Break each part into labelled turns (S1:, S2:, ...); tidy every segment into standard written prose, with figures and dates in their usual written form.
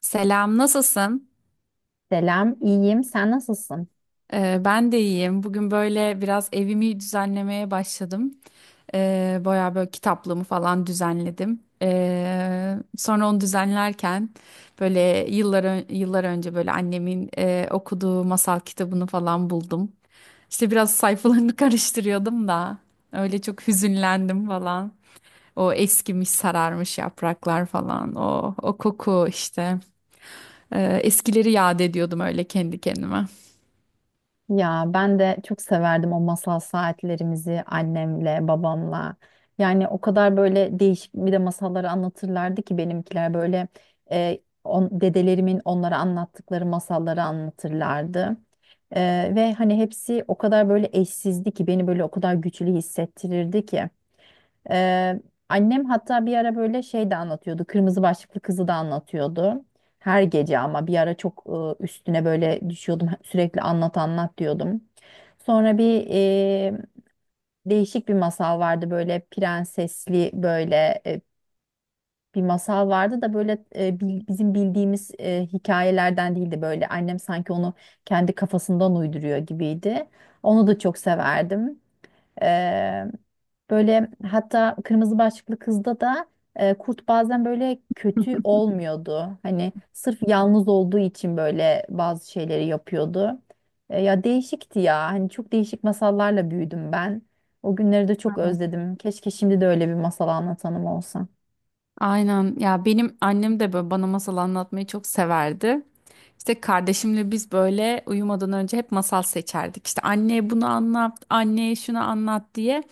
S1: Selam, nasılsın?
S2: Selam, iyiyim. Sen nasılsın?
S1: Ben de iyiyim. Bugün böyle biraz evimi düzenlemeye başladım. Bayağı böyle kitaplığımı falan düzenledim. Sonra onu düzenlerken böyle yıllar önce böyle annemin okuduğu masal kitabını falan buldum. İşte biraz sayfalarını karıştırıyordum da öyle çok hüzünlendim falan. O eskimiş, sararmış yapraklar falan. O koku işte. Eskileri yad ediyordum öyle kendi kendime.
S2: Ya ben de çok severdim o masal saatlerimizi annemle, babamla. Yani o kadar böyle değişik bir de masalları anlatırlardı ki benimkiler böyle dedelerimin onlara anlattıkları masalları anlatırlardı. Ve hani hepsi o kadar böyle eşsizdi ki beni böyle o kadar güçlü hissettirirdi ki. Ee, Annem hatta bir ara böyle şey de anlatıyordu. Kırmızı Başlıklı Kız'ı da anlatıyordu. Her gece ama bir ara çok üstüne böyle düşüyordum. Sürekli anlat anlat diyordum. Sonra değişik bir masal vardı böyle prensesli böyle bir masal vardı da böyle bizim bildiğimiz hikayelerden değildi böyle. Annem sanki onu kendi kafasından uyduruyor gibiydi. Onu da çok severdim. Ee, Böyle hatta Kırmızı Başlıklı Kız'da da kurt bazen böyle kötü olmuyordu. Hani sırf yalnız olduğu için böyle bazı şeyleri yapıyordu. Ya değişikti ya. Hani çok değişik masallarla büyüdüm ben. O günleri de çok özledim. Keşke şimdi de öyle bir masal anlatanım olsa.
S1: Aynen ya, benim annem de böyle bana masal anlatmayı çok severdi. İşte kardeşimle biz böyle uyumadan önce hep masal seçerdik. İşte anneye bunu anlat, anneye şunu anlat diye.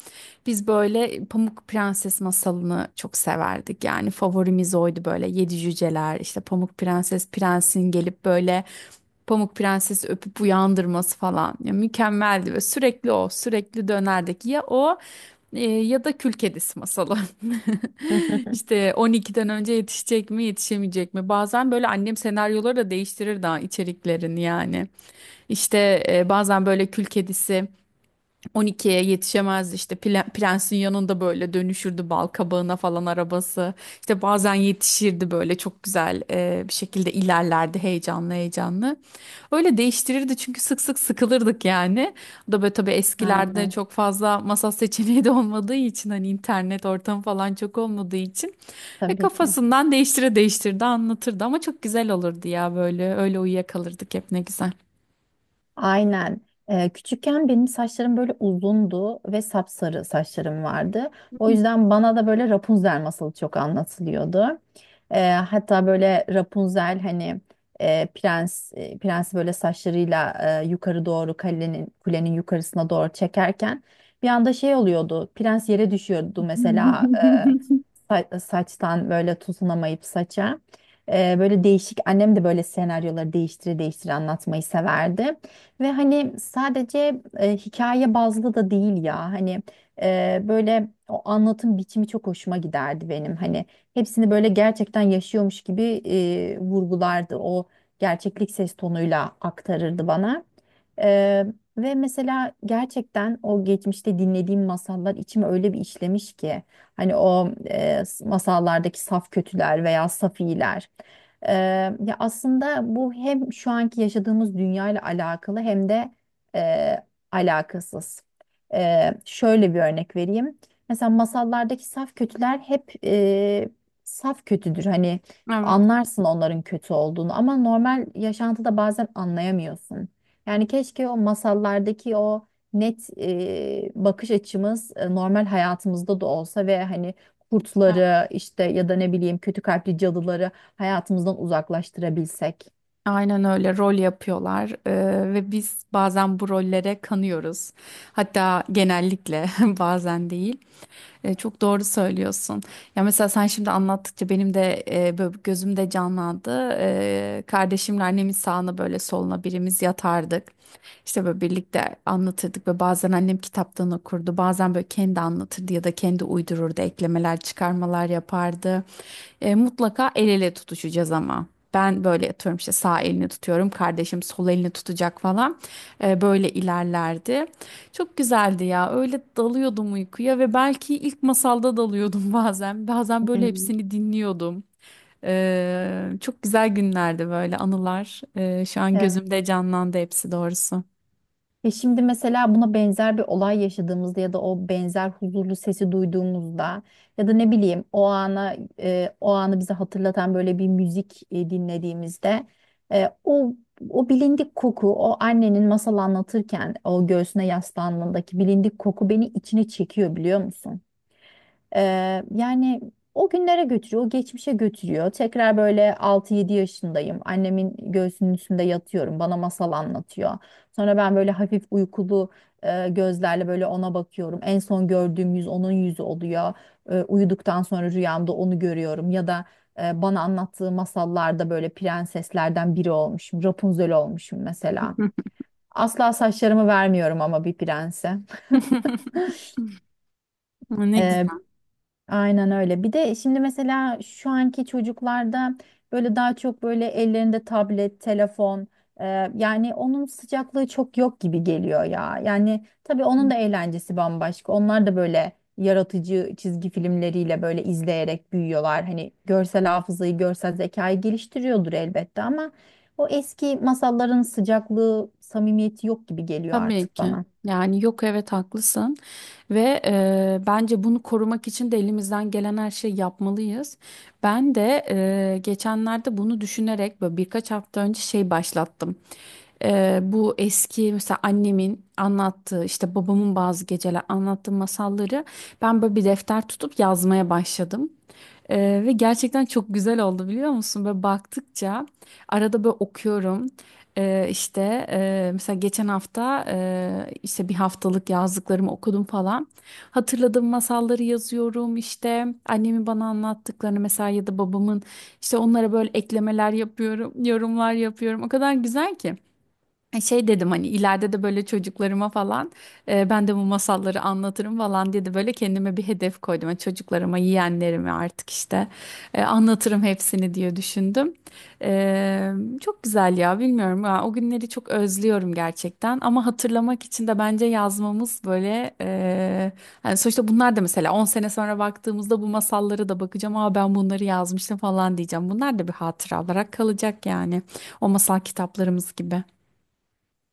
S1: Biz böyle Pamuk Prenses masalını çok severdik. Yani favorimiz oydu, böyle yedi cüceler, işte Pamuk Prenses, prensin gelip böyle Pamuk Prenses'i öpüp uyandırması falan. Ya mükemmeldi ve sürekli o sürekli dönerdik ya o ya da Kül Kedisi masalı. İşte 12'den önce yetişecek mi, yetişemeyecek mi? Bazen böyle annem senaryoları da değiştirir daha içeriklerini yani. İşte bazen böyle kül kedisi 12'ye yetişemezdi, işte prensin yanında böyle dönüşürdü bal kabağına falan arabası, işte bazen yetişirdi böyle çok güzel bir şekilde ilerlerdi, heyecanlı heyecanlı öyle değiştirirdi çünkü sık sık sıkılırdık yani. O da böyle tabii eskilerde
S2: Aynen.
S1: çok fazla masa seçeneği de olmadığı için, hani internet ortamı falan çok olmadığı için ve
S2: Tabii ki.
S1: kafasından değiştire değiştirdi anlatırdı ama çok güzel olurdu ya, böyle öyle uyuyakalırdık hep, ne güzel.
S2: Aynen. Küçükken benim saçlarım böyle uzundu ve sapsarı saçlarım vardı. O yüzden bana da böyle Rapunzel masalı çok anlatılıyordu. Hatta böyle Rapunzel hani prensi böyle saçlarıyla yukarı doğru kulenin yukarısına doğru çekerken bir anda şey oluyordu. Prens yere düşüyordu, mesela saçtan böyle tutunamayıp saça. Böyle değişik annem de böyle senaryoları değiştire değiştire anlatmayı severdi. Ve hani sadece hikaye bazlı da değil ya, hani böyle o anlatım biçimi çok hoşuma giderdi benim. Hani hepsini böyle gerçekten yaşıyormuş gibi vurgulardı, o gerçeklik ses tonuyla aktarırdı bana. Ee, Ve mesela gerçekten o geçmişte dinlediğim masallar içime öyle bir işlemiş ki. Hani o masallardaki saf kötüler veya saf iyiler. E, Ya aslında bu hem şu anki yaşadığımız dünya ile alakalı hem de e, alakasız. Şöyle bir örnek vereyim. Mesela masallardaki saf kötüler hep saf kötüdür. Hani
S1: Evet.
S2: anlarsın onların kötü olduğunu, ama normal yaşantıda bazen anlayamıyorsun. Yani keşke o masallardaki o net bakış açımız normal hayatımızda da olsa ve hani kurtları işte ya da ne bileyim kötü kalpli cadıları hayatımızdan uzaklaştırabilsek.
S1: Aynen öyle rol yapıyorlar. Ve biz bazen bu rollere kanıyoruz. Hatta genellikle, bazen değil. Çok doğru söylüyorsun. Ya mesela sen şimdi anlattıkça benim de böyle gözümde canlandı. E, kardeşimle annemin sağına böyle soluna birimiz yatardık. İşte böyle birlikte anlatırdık ve bazen annem kitaptan okurdu. Bazen böyle kendi anlatırdı ya da kendi uydururdu, eklemeler, çıkarmalar yapardı. Mutlaka el ele tutuşacağız ama. Ben böyle atıyorum, işte sağ elini tutuyorum. Kardeşim sol elini tutacak falan. Böyle ilerlerdi. Çok güzeldi ya. Öyle dalıyordum uykuya ve belki ilk masalda dalıyordum bazen. Bazen böyle
S2: Aynen.
S1: hepsini dinliyordum. Çok güzel günlerdi böyle anılar. E, şu an gözümde canlandı hepsi doğrusu.
S2: Ya şimdi mesela buna benzer bir olay yaşadığımızda ya da o benzer huzurlu sesi duyduğumuzda ya da ne bileyim o anı bize hatırlatan böyle bir müzik dinlediğimizde e, o o bilindik koku, o annenin masal anlatırken o göğsüne yaslandığındaki bilindik koku beni içine çekiyor, biliyor musun? Yani o günlere götürüyor, o geçmişe götürüyor. Tekrar böyle altı yedi yaşındayım. Annemin göğsünün üstünde yatıyorum. Bana masal anlatıyor. Sonra ben böyle hafif uykulu gözlerle böyle ona bakıyorum. En son gördüğüm yüz onun yüzü oluyor. Uyuduktan sonra rüyamda onu görüyorum. Ya da bana anlattığı masallarda böyle prenseslerden biri olmuşum. Rapunzel olmuşum mesela. Asla saçlarımı vermiyorum ama bir prense.
S1: Ne
S2: Ee,
S1: güzel.
S2: Aynen öyle. Bir de şimdi mesela şu anki çocuklarda böyle daha çok böyle ellerinde tablet, telefon, e, yani onun sıcaklığı çok yok gibi geliyor ya. Yani tabii onun da eğlencesi bambaşka. Onlar da böyle yaratıcı çizgi filmleriyle böyle izleyerek büyüyorlar. Hani görsel hafızayı, görsel zekayı geliştiriyordur elbette ama o eski masalların sıcaklığı, samimiyeti yok gibi geliyor
S1: Tabii
S2: artık
S1: ki.
S2: bana.
S1: Yani yok, evet, haklısın ve bence bunu korumak için de elimizden gelen her şeyi yapmalıyız. Ben de geçenlerde bunu düşünerek böyle birkaç hafta önce şey başlattım. E, bu eski mesela annemin anlattığı, işte babamın bazı geceler anlattığı masalları ben böyle bir defter tutup yazmaya başladım. E, ve gerçekten çok güzel oldu biliyor musun? Böyle baktıkça arada böyle okuyorum. İşte mesela geçen hafta, işte bir haftalık yazdıklarımı okudum falan. Hatırladığım masalları yazıyorum, işte annemin bana anlattıklarını mesela ya da babamın, işte onlara böyle eklemeler yapıyorum, yorumlar yapıyorum. O kadar güzel ki. E, şey dedim, hani ileride de böyle çocuklarıma falan ben de bu masalları anlatırım falan diye de böyle kendime bir hedef koydum. Yani çocuklarıma, yeğenlerime artık, işte anlatırım hepsini diye düşündüm. E, çok güzel ya, bilmiyorum ya, o günleri çok özlüyorum gerçekten, ama hatırlamak için de bence yazmamız böyle, hani sonuçta bunlar da mesela 10 sene sonra baktığımızda bu masallara da bakacağım. Aa, ben bunları yazmıştım falan diyeceğim. Bunlar da bir hatıra olarak kalacak yani, o masal kitaplarımız gibi.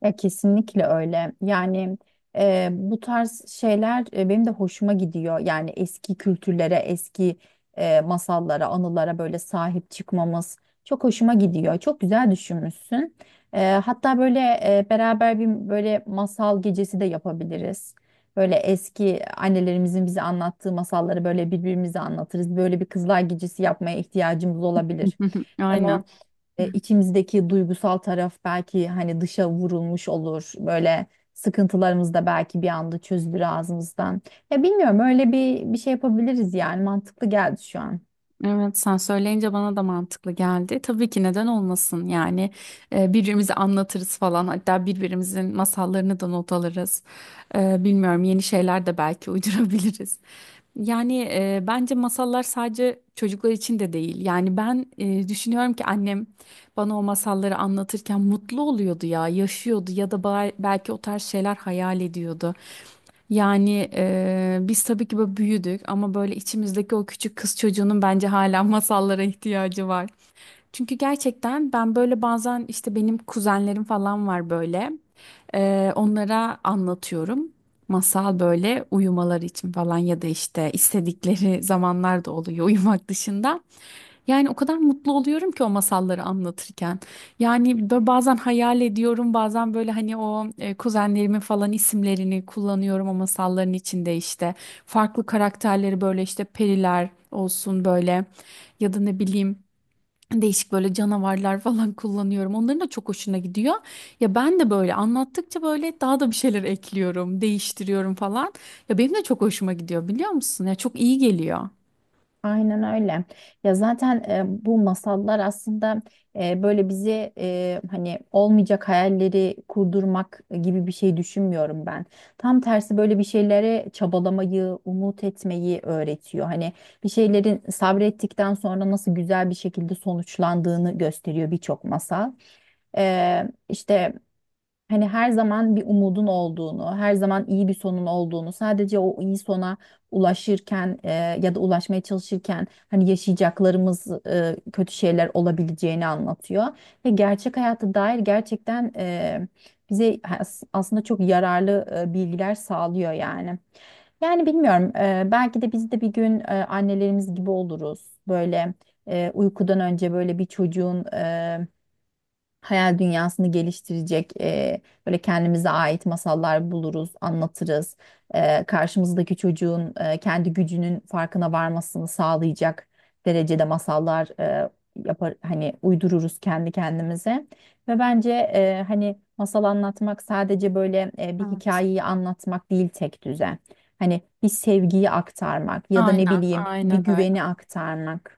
S2: Ya kesinlikle öyle. Yani bu tarz şeyler benim de hoşuma gidiyor. Yani eski kültürlere, eski masallara, anılara böyle sahip çıkmamız çok hoşuma gidiyor. Çok güzel düşünmüşsün. Hatta böyle beraber bir böyle masal gecesi de yapabiliriz. Böyle eski annelerimizin bize anlattığı masalları böyle birbirimize anlatırız. Böyle bir kızlar gecesi yapmaya ihtiyacımız olabilir. Hem
S1: Aynen.
S2: içimizdeki duygusal taraf belki hani dışa vurulmuş olur. Böyle sıkıntılarımız da belki bir anda çözülür ağzımızdan. Ya bilmiyorum, öyle bir şey yapabiliriz yani, mantıklı geldi şu an.
S1: Evet, sen söyleyince bana da mantıklı geldi. Tabii ki, neden olmasın yani. Birbirimize anlatırız falan, hatta birbirimizin masallarını da not alırız. E, bilmiyorum, yeni şeyler de belki uydurabiliriz. Yani bence masallar sadece çocuklar için de değil. Yani ben düşünüyorum ki annem bana o masalları anlatırken mutlu oluyordu ya, yaşıyordu ya da belki o tarz şeyler hayal ediyordu. Yani biz tabii ki böyle büyüdük ama böyle içimizdeki o küçük kız çocuğunun bence hala masallara ihtiyacı var. Çünkü gerçekten ben böyle bazen, işte benim kuzenlerim falan var böyle. Onlara anlatıyorum. Masal böyle uyumaları için falan, ya da işte istedikleri zamanlar da oluyor uyumak dışında. Yani o kadar mutlu oluyorum ki o masalları anlatırken. Yani böyle bazen hayal ediyorum, bazen böyle hani o kuzenlerimin falan isimlerini kullanıyorum o masalların içinde işte. Farklı karakterleri böyle işte periler olsun böyle, ya da ne bileyim değişik böyle canavarlar falan kullanıyorum. Onların da çok hoşuna gidiyor. Ya ben de böyle anlattıkça böyle daha da bir şeyler ekliyorum, değiştiriyorum falan. Ya benim de çok hoşuma gidiyor biliyor musun? Ya çok iyi geliyor.
S2: Aynen öyle. Ya zaten bu masallar aslında e, böyle bizi e, hani olmayacak hayalleri kurdurmak gibi bir şey düşünmüyorum ben. Tam tersi, böyle bir şeylere çabalamayı, umut etmeyi öğretiyor. Hani bir şeylerin sabrettikten sonra nasıl güzel bir şekilde sonuçlandığını gösteriyor birçok masal. İşte hani her zaman bir umudun olduğunu, her zaman iyi bir sonun olduğunu, sadece o iyi sona ulaşırken ya da ulaşmaya çalışırken hani yaşayacaklarımız kötü şeyler olabileceğini anlatıyor. Ve gerçek hayata dair gerçekten bize aslında çok yararlı bilgiler sağlıyor yani. Yani bilmiyorum, belki de biz de bir gün annelerimiz gibi oluruz. Böyle uykudan önce böyle bir çocuğun hayal dünyasını geliştirecek, böyle kendimize ait masallar buluruz, anlatırız. Karşımızdaki çocuğun kendi gücünün farkına varmasını sağlayacak derecede masallar yapar, hani uydururuz kendi kendimize. Ve bence hani masal anlatmak sadece böyle bir
S1: Evet.
S2: hikayeyi anlatmak değil tek düze. Hani bir sevgiyi aktarmak ya da ne
S1: Aynen,
S2: bileyim bir
S1: aynen öyle.
S2: güveni aktarmak.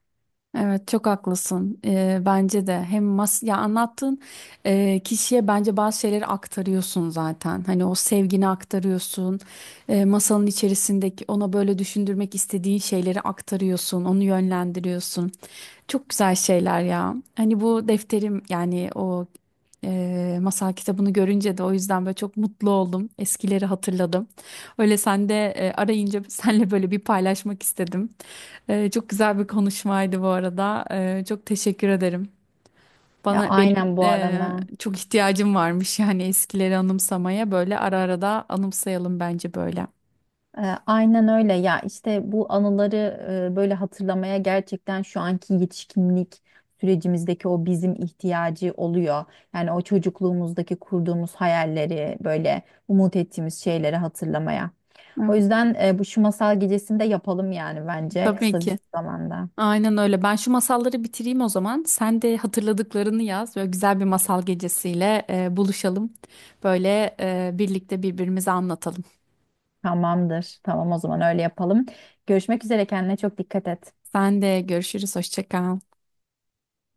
S1: Evet, çok haklısın. Bence de hem mas, ya anlattığın kişiye bence bazı şeyleri aktarıyorsun zaten. Hani o sevgini aktarıyorsun. E, masanın içerisindeki ona böyle düşündürmek istediğin şeyleri aktarıyorsun, onu yönlendiriyorsun. Çok güzel şeyler ya. Hani bu defterim, yani o masal kitabını görünce de o yüzden böyle çok mutlu oldum. Eskileri hatırladım. Öyle sen de arayınca senle böyle bir paylaşmak istedim. Çok güzel bir konuşmaydı bu arada. Çok teşekkür ederim.
S2: Ya,
S1: Bana, benim
S2: aynen bu arada.
S1: çok ihtiyacım varmış yani, eskileri anımsamaya böyle, ara ara da anımsayalım bence böyle.
S2: E, Aynen öyle. Ya işte bu anıları böyle hatırlamaya gerçekten şu anki yetişkinlik sürecimizdeki o bizim ihtiyacı oluyor. Yani o çocukluğumuzdaki kurduğumuz hayalleri, böyle umut ettiğimiz şeyleri hatırlamaya. O
S1: Evet.
S2: yüzden bu şu masal gecesini de yapalım yani, bence
S1: Tabii
S2: kısa bir
S1: ki.
S2: zamanda.
S1: Aynen öyle. Ben şu masalları bitireyim o zaman. Sen de hatırladıklarını yaz. Böyle güzel bir masal gecesiyle buluşalım. Böyle birlikte birbirimize anlatalım.
S2: Tamamdır. Tamam, o zaman öyle yapalım. Görüşmek üzere, kendine çok dikkat et.
S1: Sen de görüşürüz. Hoşça kal.